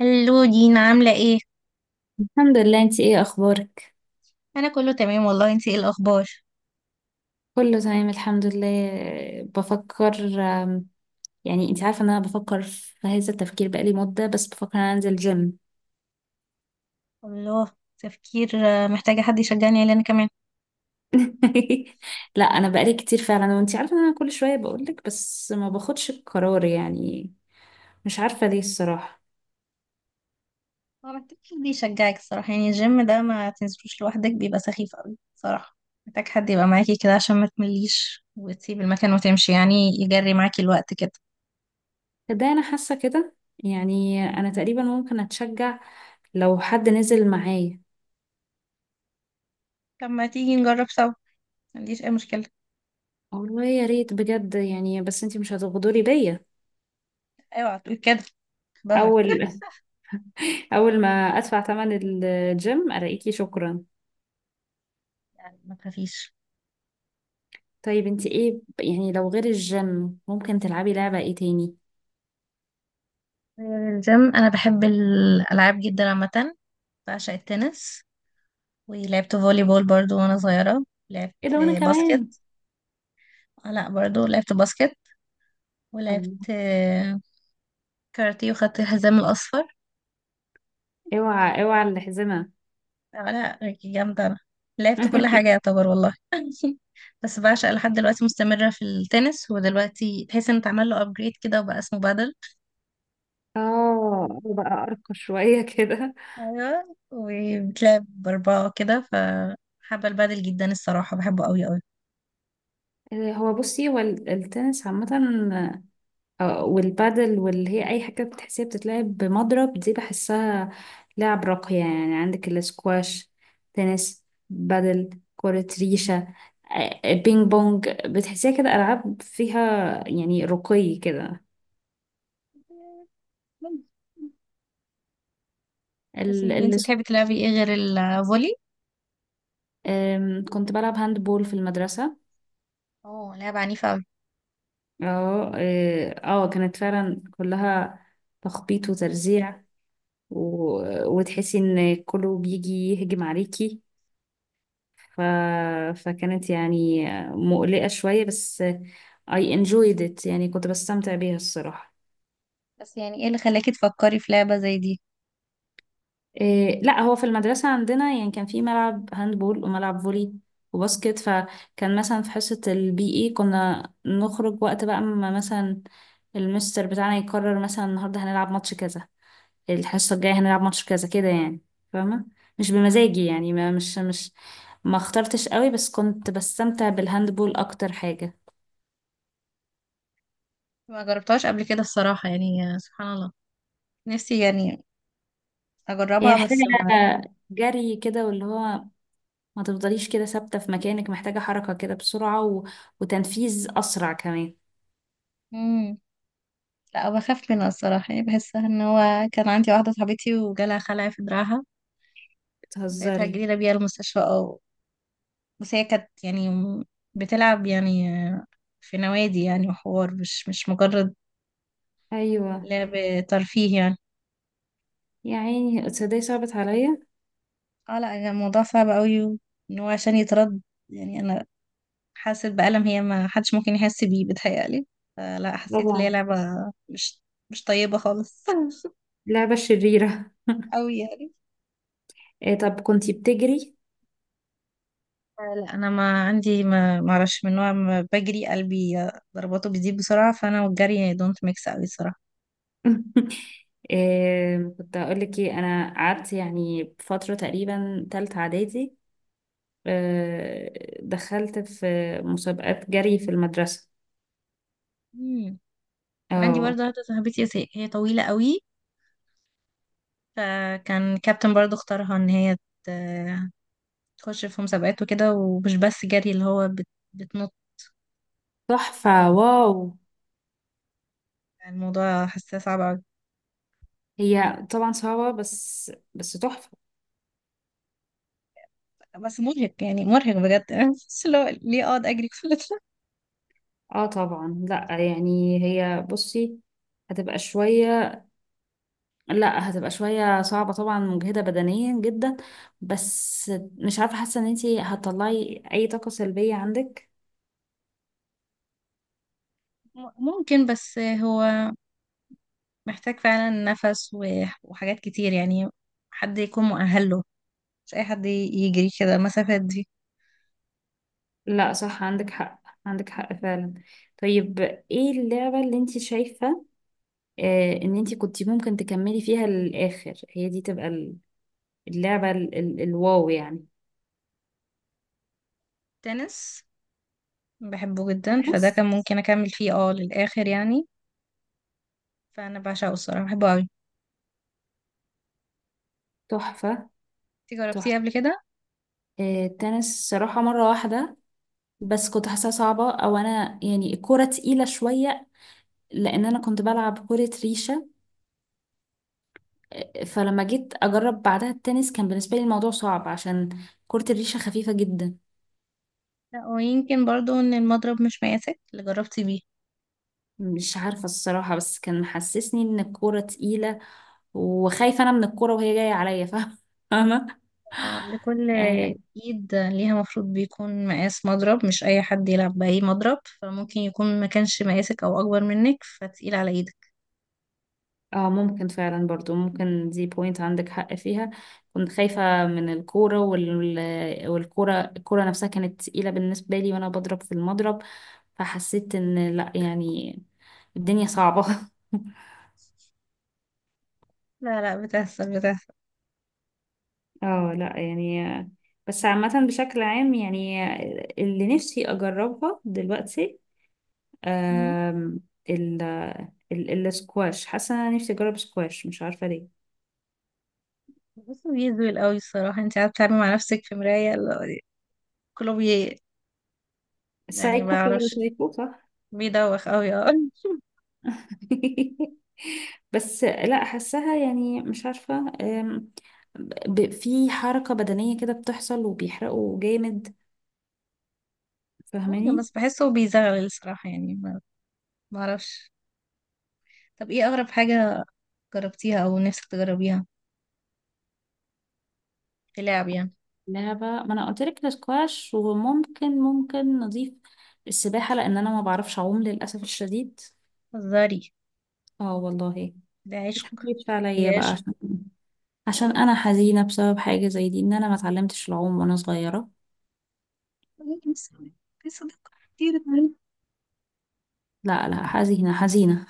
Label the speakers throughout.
Speaker 1: هلو دينا، عاملة ايه؟
Speaker 2: الحمد لله، انت ايه اخبارك؟
Speaker 1: أنا كله تمام والله. انتي ايه الأخبار؟
Speaker 2: كله تمام الحمد لله. بفكر، يعني انت عارفه ان انا بفكر في هذا التفكير بقالي مده، بس بفكر ان انا انزل جيم.
Speaker 1: الله. تفكير، محتاجة حد يشجعني عليه أنا كمان.
Speaker 2: لا انا بقالي كتير فعلا، وانت عارفه ان انا كل شويه بقولك، بس ما باخدش القرار يعني. مش عارفه ليه الصراحه.
Speaker 1: هو محتاج حد يشجعك الصراحة، يعني الجيم ده ما تنزلوش لوحدك، بيبقى سخيف أوي صراحة. محتاج حد يبقى معاكي كده عشان ما تمليش وتسيب المكان وتمشي يعني، يجري معاكي الوقت كده.
Speaker 2: ده انا حاسه كده، يعني انا تقريبا ممكن اتشجع لو حد نزل معايا.
Speaker 1: طب ما تيجي نجرب سوا، ما عنديش أي مشكلة.
Speaker 2: والله يا ريت بجد يعني، بس انت مش هتغدري بيا.
Speaker 1: اوعى تقول كده، ظهرك
Speaker 2: اول، اول ما ادفع ثمن الجيم الاقيكي شكرا.
Speaker 1: يعني ما تخافيش.
Speaker 2: طيب انت ايه يعني لو غير الجيم ممكن تلعبي لعبة ايه تاني؟
Speaker 1: آه، الجيم، أنا بحب الألعاب جدا عامة. بعشق التنس، ولعبت فولي بول برضو وانا صغيرة. لعبت
Speaker 2: ايه ده، وانا
Speaker 1: باسكت.
Speaker 2: كمان.
Speaker 1: لا برضو لعبت باسكت. ولعبت
Speaker 2: الله.
Speaker 1: كاراتيه وخدت الحزام الأصفر.
Speaker 2: اوعى اوعى الحزمة.
Speaker 1: لا، جامدة أنا. لعبت كل حاجة يعتبر والله بس بعشق لحد دلوقتي، مستمرة في التنس، ودلوقتي تحس ان اتعمل له ابجريد كده وبقى اسمه بادل.
Speaker 2: اه بقى ارقى شوية كده.
Speaker 1: ايوه، وبتلعب بأربعة كده، فحابة البادل جدا الصراحة، بحبه قوي قوي.
Speaker 2: هو بصي هو التنس عامة، والبادل واللي هي اي حاجه بتحسيها بتتلعب بمضرب دي، بحسها لعب راقيه، يعني عندك الاسكواش، تنس، بادل، كرة ريشة، بينج بونج. بتحسيها كده ألعاب فيها يعني رقي كده.
Speaker 1: بس
Speaker 2: ال...
Speaker 1: اللي
Speaker 2: ال...
Speaker 1: انت بتحبي تلعبي ايه غير الفولي؟
Speaker 2: كنت بلعب هاند بول في المدرسة.
Speaker 1: اه، لعبة عنيفة أوي.
Speaker 2: اه اه، كانت فعلا كلها تخبيط وترزيع، و... وتحسي ان كله بيجي يهجم عليكي، ف... فكانت يعني مقلقة شوية، بس I enjoyed it، يعني كنت بستمتع بيها الصراحة.
Speaker 1: بس يعني ايه اللي خلاكي تفكري في لعبة زي دي؟
Speaker 2: إيه لا، هو في المدرسة عندنا يعني كان في ملعب هاندبول وملعب فولي وباسكت، فكان مثلا في حصة البي اي كنا نخرج وقت بقى، ما مثلا المستر بتاعنا يقرر مثلا النهاردة هنلعب ماتش كذا، الحصة الجاية هنلعب ماتش كذا كده يعني، فاهمة؟ مش بمزاجي يعني، ما مش ما اخترتش قوي، بس كنت بستمتع بالهاندبول اكتر حاجة.
Speaker 1: ما جربتهاش قبل كده الصراحة، يعني سبحان الله، نفسي يعني
Speaker 2: هي
Speaker 1: اجربها
Speaker 2: محتاجة
Speaker 1: بس ما.
Speaker 2: جري كده واللي هو ما تفضليش كده ثابتة في مكانك، محتاجة حركة كده بسرعة وتنفيذ أسرع كمان.
Speaker 1: مم. لا، بخاف منها الصراحة، يعني بحسها ان هو كان عندي واحدة صاحبتي وجالها خلع في دراعها. ساعتها
Speaker 2: بتهزري؟
Speaker 1: جرينا بيها المستشفى، او بس هي كانت يعني. بتلعب يعني في نوادي يعني وحوار، مش مجرد
Speaker 2: أيوة.
Speaker 1: لعب، ترفيه يعني.
Speaker 2: يا عيني تصدقي صعبت عليا.
Speaker 1: اه لا، يعني الموضوع صعب قوي، ان هو عشان يترد. يعني انا حاسة بألم هي ما حدش ممكن يحس بيه بتهيألي. لا، حسيت ان هي
Speaker 2: طبعا.
Speaker 1: لعبة مش مش طيبة خالص
Speaker 2: لعبة شريرة.
Speaker 1: أوي يعني.
Speaker 2: إيه طب كنتي بتجري؟
Speaker 1: لا، انا ما اعرفش من نوع، ما بجري قلبي ضرباته بتزيد بسرعه، فانا والجري دونت ميكس قوي الصراحه.
Speaker 2: إيه كنت هقولك ايه، أنا قعدت يعني فترة تقريبا تالتة إعدادي، إيه دخلت في مسابقات جري في المدرسة.
Speaker 1: مم. عندي
Speaker 2: اه،
Speaker 1: برضه واحده صاحبتي، هي طويله قوي. فكان كابتن برضه اختارها ان هي ت- تخش في مسابقات وكده، ومش بس جري اللي هو بتنط.
Speaker 2: تحفة، واو.
Speaker 1: الموضوع حاساه صعب.
Speaker 2: هي طبعا صعبة، بس بس تحفة.
Speaker 1: بس مرهق يعني، مرهق بجد بس لو ليه اقعد اجري كل ده.
Speaker 2: اه طبعا، لا يعني هي بصي هتبقى شوية، لا هتبقى شوية صعبة طبعا، مجهدة بدنيا جدا، بس مش عارفة، حاسة ان انتي هتطلعي اي طاقة سلبية عندك.
Speaker 1: ممكن، بس هو محتاج فعلا نفس وحاجات كتير يعني، حد يكون مؤهل له. مش اي حد يجري كده المسافات دي.
Speaker 2: لا صح، عندك حق، عندك حق فعلا. طيب ايه اللعبة اللي انتي شايفة آه ان انتي كنتي ممكن تكملي فيها للآخر؟ هي دي تبقى اللعبة ال الواو يعني.
Speaker 1: تنس، بحبه جدا،
Speaker 2: ناس.
Speaker 1: فده كان ممكن اكمل فيه للاخر يعني. فانا بعشقه الصراحه، بحبه قوي.
Speaker 2: تحفة،
Speaker 1: انتي جربتيه
Speaker 2: تحفة.
Speaker 1: قبل كده؟
Speaker 2: التنس صراحة مرة واحدة، بس كنت حاساها صعبة، او انا يعني الكورة تقيلة شوية، لان انا كنت بلعب كرة ريشة، فلما جيت اجرب بعدها التنس كان بالنسبة لي الموضوع صعب، عشان كرة الريشة خفيفة جدا.
Speaker 1: لا، ويمكن برضو ان المضرب مش مقاسك اللي جربتي بيه.
Speaker 2: مش عارفة الصراحة، بس كان محسسني ان الكورة تقيلة وخايفة انا من الكورة وهي جاية عليا. فاهمة؟
Speaker 1: لكل
Speaker 2: آه،
Speaker 1: ايد ليها مفروض بيكون مقاس مضرب، مش اي حد يلعب باي مضرب. فممكن يكون ما كانش مقاسك او اكبر منك فتقيل على ايدك.
Speaker 2: اه ممكن فعلا، برضو ممكن دي بوينت عندك حق فيها. كنت خايفة من الكورة والكورة نفسها كانت تقيلة بالنسبة لي وانا بضرب في المضرب، فحسيت ان لا يعني الدنيا صعبة.
Speaker 1: لا لا، بتحصل بتحصل.
Speaker 2: اه لا يعني، بس عامة بشكل عام يعني، اللي نفسي اجربها دلوقتي،
Speaker 1: مم.
Speaker 2: آم، ال السكواش، حاسة انا نفسي اجرب سكواش، مش عارفة ليه.
Speaker 1: بس بيزول قوي الصراحة، انت قاعدة بتتعاملي مع نفسك في مراية لا، كله بي. يعني ما
Speaker 2: سايكو، بتقول
Speaker 1: بعرفش،
Speaker 2: سايكو، صح؟
Speaker 1: بيدوخ قوي اه
Speaker 2: بس لا، حاساها يعني مش عارفة، أم، في حركة بدنية كده بتحصل وبيحرقوا جامد،
Speaker 1: ممكن،
Speaker 2: فاهماني؟
Speaker 1: بس بحسه بيزغل الصراحة، يعني ما اعرفش. طب ايه اغرب حاجة جربتيها او نفسك تجربيها في لعب يعني؟
Speaker 2: لعبة، ما انا قلت لك الاسكواش، وممكن ممكن نضيف السباحة، لان انا ما بعرفش اعوم للاسف الشديد.
Speaker 1: هزاري.
Speaker 2: اه والله.
Speaker 1: ده
Speaker 2: ما
Speaker 1: عشق.
Speaker 2: تحكيش
Speaker 1: دي
Speaker 2: عليا بقى،
Speaker 1: عشق.
Speaker 2: عشان انا حزينة بسبب حاجة زي دي، ان انا ما اتعلمتش العوم وانا صغيرة.
Speaker 1: ممكن صديق- في صداقة كتير اتعملت.
Speaker 2: لا لا، حزينة حزينة.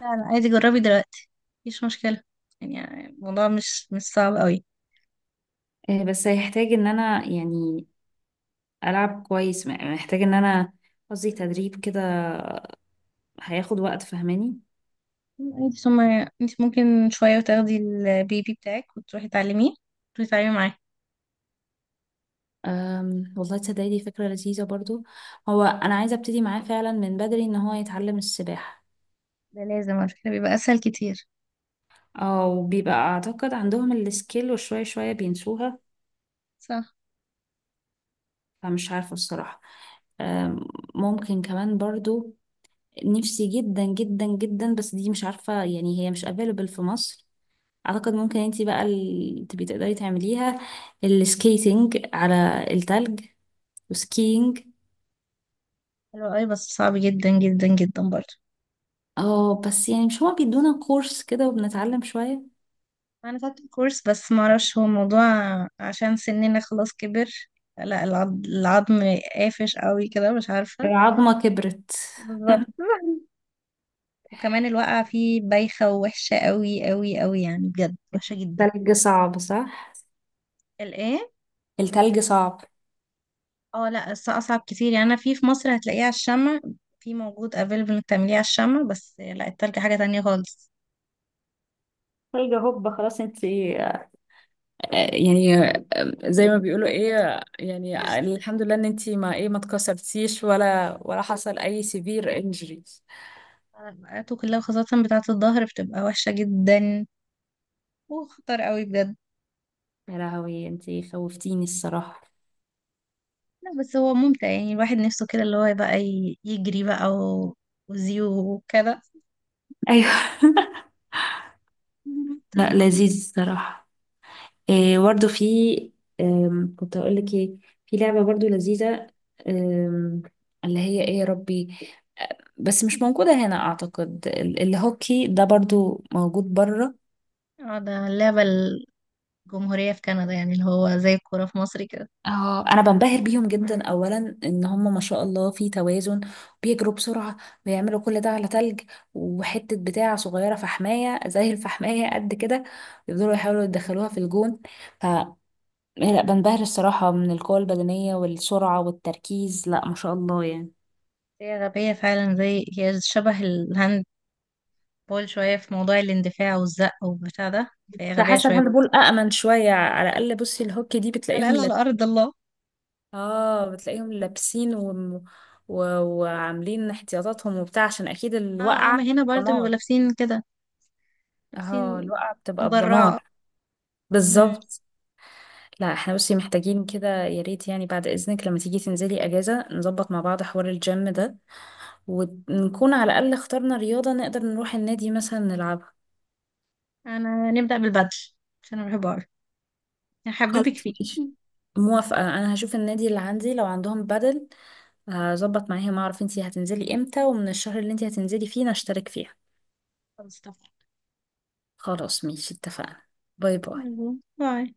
Speaker 1: لا لا، عادي جربي دلوقتي، مفيش مشكلة. يعني الموضوع مش صعب قوي.
Speaker 2: بس هيحتاج ان انا يعني ألعب كويس، محتاج إن أنا، قصدي تدريب كده، هياخد وقت، فاهماني؟
Speaker 1: عادي، ثم انت ممكن شوية وتاخدي البيبي بتاعك وتروحي تعلميه، تروحي تتعلمي معاه.
Speaker 2: والله تصدقي دي فكرة لذيذة برضو، هو أنا عايزة أبتدي معاه فعلا من بدري إن هو يتعلم السباحة.
Speaker 1: ده لازم على فكرة، بيبقى أسهل كتير.
Speaker 2: أو بيبقى أعتقد عندهم السكيل وشوية شوية بينسوها،
Speaker 1: صح.
Speaker 2: فمش عارفة الصراحة. أم، ممكن كمان برضو، نفسي جدا جدا جدا، بس دي مش عارفة يعني هي مش available في مصر، أعتقد ممكن انتي بقى تبقي تقدري تعمليها، السكيتنج على التلج، وسكينج.
Speaker 1: حلو قوي، بس صعب جدا جدا جدا برضه.
Speaker 2: اه بس يعني مش هو بيدونا كورس كده وبنتعلم شوية.
Speaker 1: أنا خدت كورس بس معرفش هو الموضوع، عشان سننا خلاص كبر. لا، العظم قافش قوي كده، مش عارفة.
Speaker 2: العظمة كبرت.
Speaker 1: بالظبط وكمان الواقعة فيه بايخة ووحشة قوي قوي قوي، يعني بجد وحشة جدا.
Speaker 2: تلج صعب صح؟
Speaker 1: الايه؟
Speaker 2: التلج صعب.
Speaker 1: اه لا، اصعب كتير. يعني انا في مصر هتلاقيه على الشمع. في موجود افيلبل انك تعمليه على الشمع، بس لا التلج حاجة تانية خالص.
Speaker 2: تلج هوب خلاص انت يعني، زي ما بيقولوا ايه يعني، الحمد لله ان انت ما ايه ما اتكسرتيش ولا حصل اي سيفير انجريز.
Speaker 1: بقاته كلها خاصة بتاعة الظهر، بتبقى وحشة جدا وخطر قوي بجد.
Speaker 2: يا لهوي انت خوفتيني الصراحة.
Speaker 1: لا بس هو ممتع يعني، الواحد نفسه كده اللي هو بقى يجري بقى وزيو وكده.
Speaker 2: ايوه. لا
Speaker 1: كده.
Speaker 2: لذيذ الصراحة. إيه برضه في، كنت اقول لك ايه، في لعبة برضه لذيذة، آم، اللي هي ايه يا ربي، بس مش موجودة هنا اعتقد، الهوكي ده برضه موجود بره.
Speaker 1: اه ده اللعبة الجمهورية في كندا، يعني اللي هو زي الكورة في مصر كده.
Speaker 2: اه انا بنبهر بيهم جدا، اولا ان هم ما شاء الله في توازن، بيجروا بسرعة، بيعملوا كل ده على تلج، وحتة بتاع صغيرة فحماية زي الفحماية قد كده يفضلوا يحاولوا يدخلوها في الجون. لا بنبهر الصراحة من القوة البدنية والسرعة والتركيز، لا ما شاء الله يعني.
Speaker 1: هي غبية فعلا، زي هي شبه الهاند بول شوية في موضوع الاندفاع والزق والبتاع ده، فهي
Speaker 2: ده
Speaker 1: غبية
Speaker 2: حاسة
Speaker 1: شوية
Speaker 2: الهاند
Speaker 1: برضه.
Speaker 2: بول أأمن شوية على الأقل، بصي الهوكي دي
Speaker 1: على
Speaker 2: بتلاقيهم
Speaker 1: الأقل على أرض الله.
Speaker 2: اه بتلاقيهم لابسين و... وعاملين احتياطاتهم وبتاع، عشان أكيد
Speaker 1: اه اه،
Speaker 2: الوقعة
Speaker 1: ما هنا برضه بيبقوا
Speaker 2: دمار.
Speaker 1: لابسين كده.
Speaker 2: اه
Speaker 1: لابسين
Speaker 2: الوقعة بتبقى
Speaker 1: مدرعة.
Speaker 2: بدمار.
Speaker 1: امم.
Speaker 2: بالظبط. لا احنا بصي محتاجين كده، يا ريت يعني بعد إذنك لما تيجي تنزلي أجازة نظبط مع بعض حوار الجيم ده، ونكون على الأقل اخترنا رياضة نقدر نروح النادي مثلا نلعبها.
Speaker 1: أنا نبدأ بالبدل عشان أنا بحبه أوي،
Speaker 2: خلاص
Speaker 1: هحببك فيه.
Speaker 2: ماشي، موافقة، أنا هشوف النادي اللي عندي لو عندهم بدل، هظبط معاهم أعرف انتي هتنزلي امتى ومن الشهر اللي انتي هتنزلي فيه نشترك فيها.
Speaker 1: خلاص طبعا.
Speaker 2: خلاص ماشي، اتفقنا. باي باي.
Speaker 1: باي.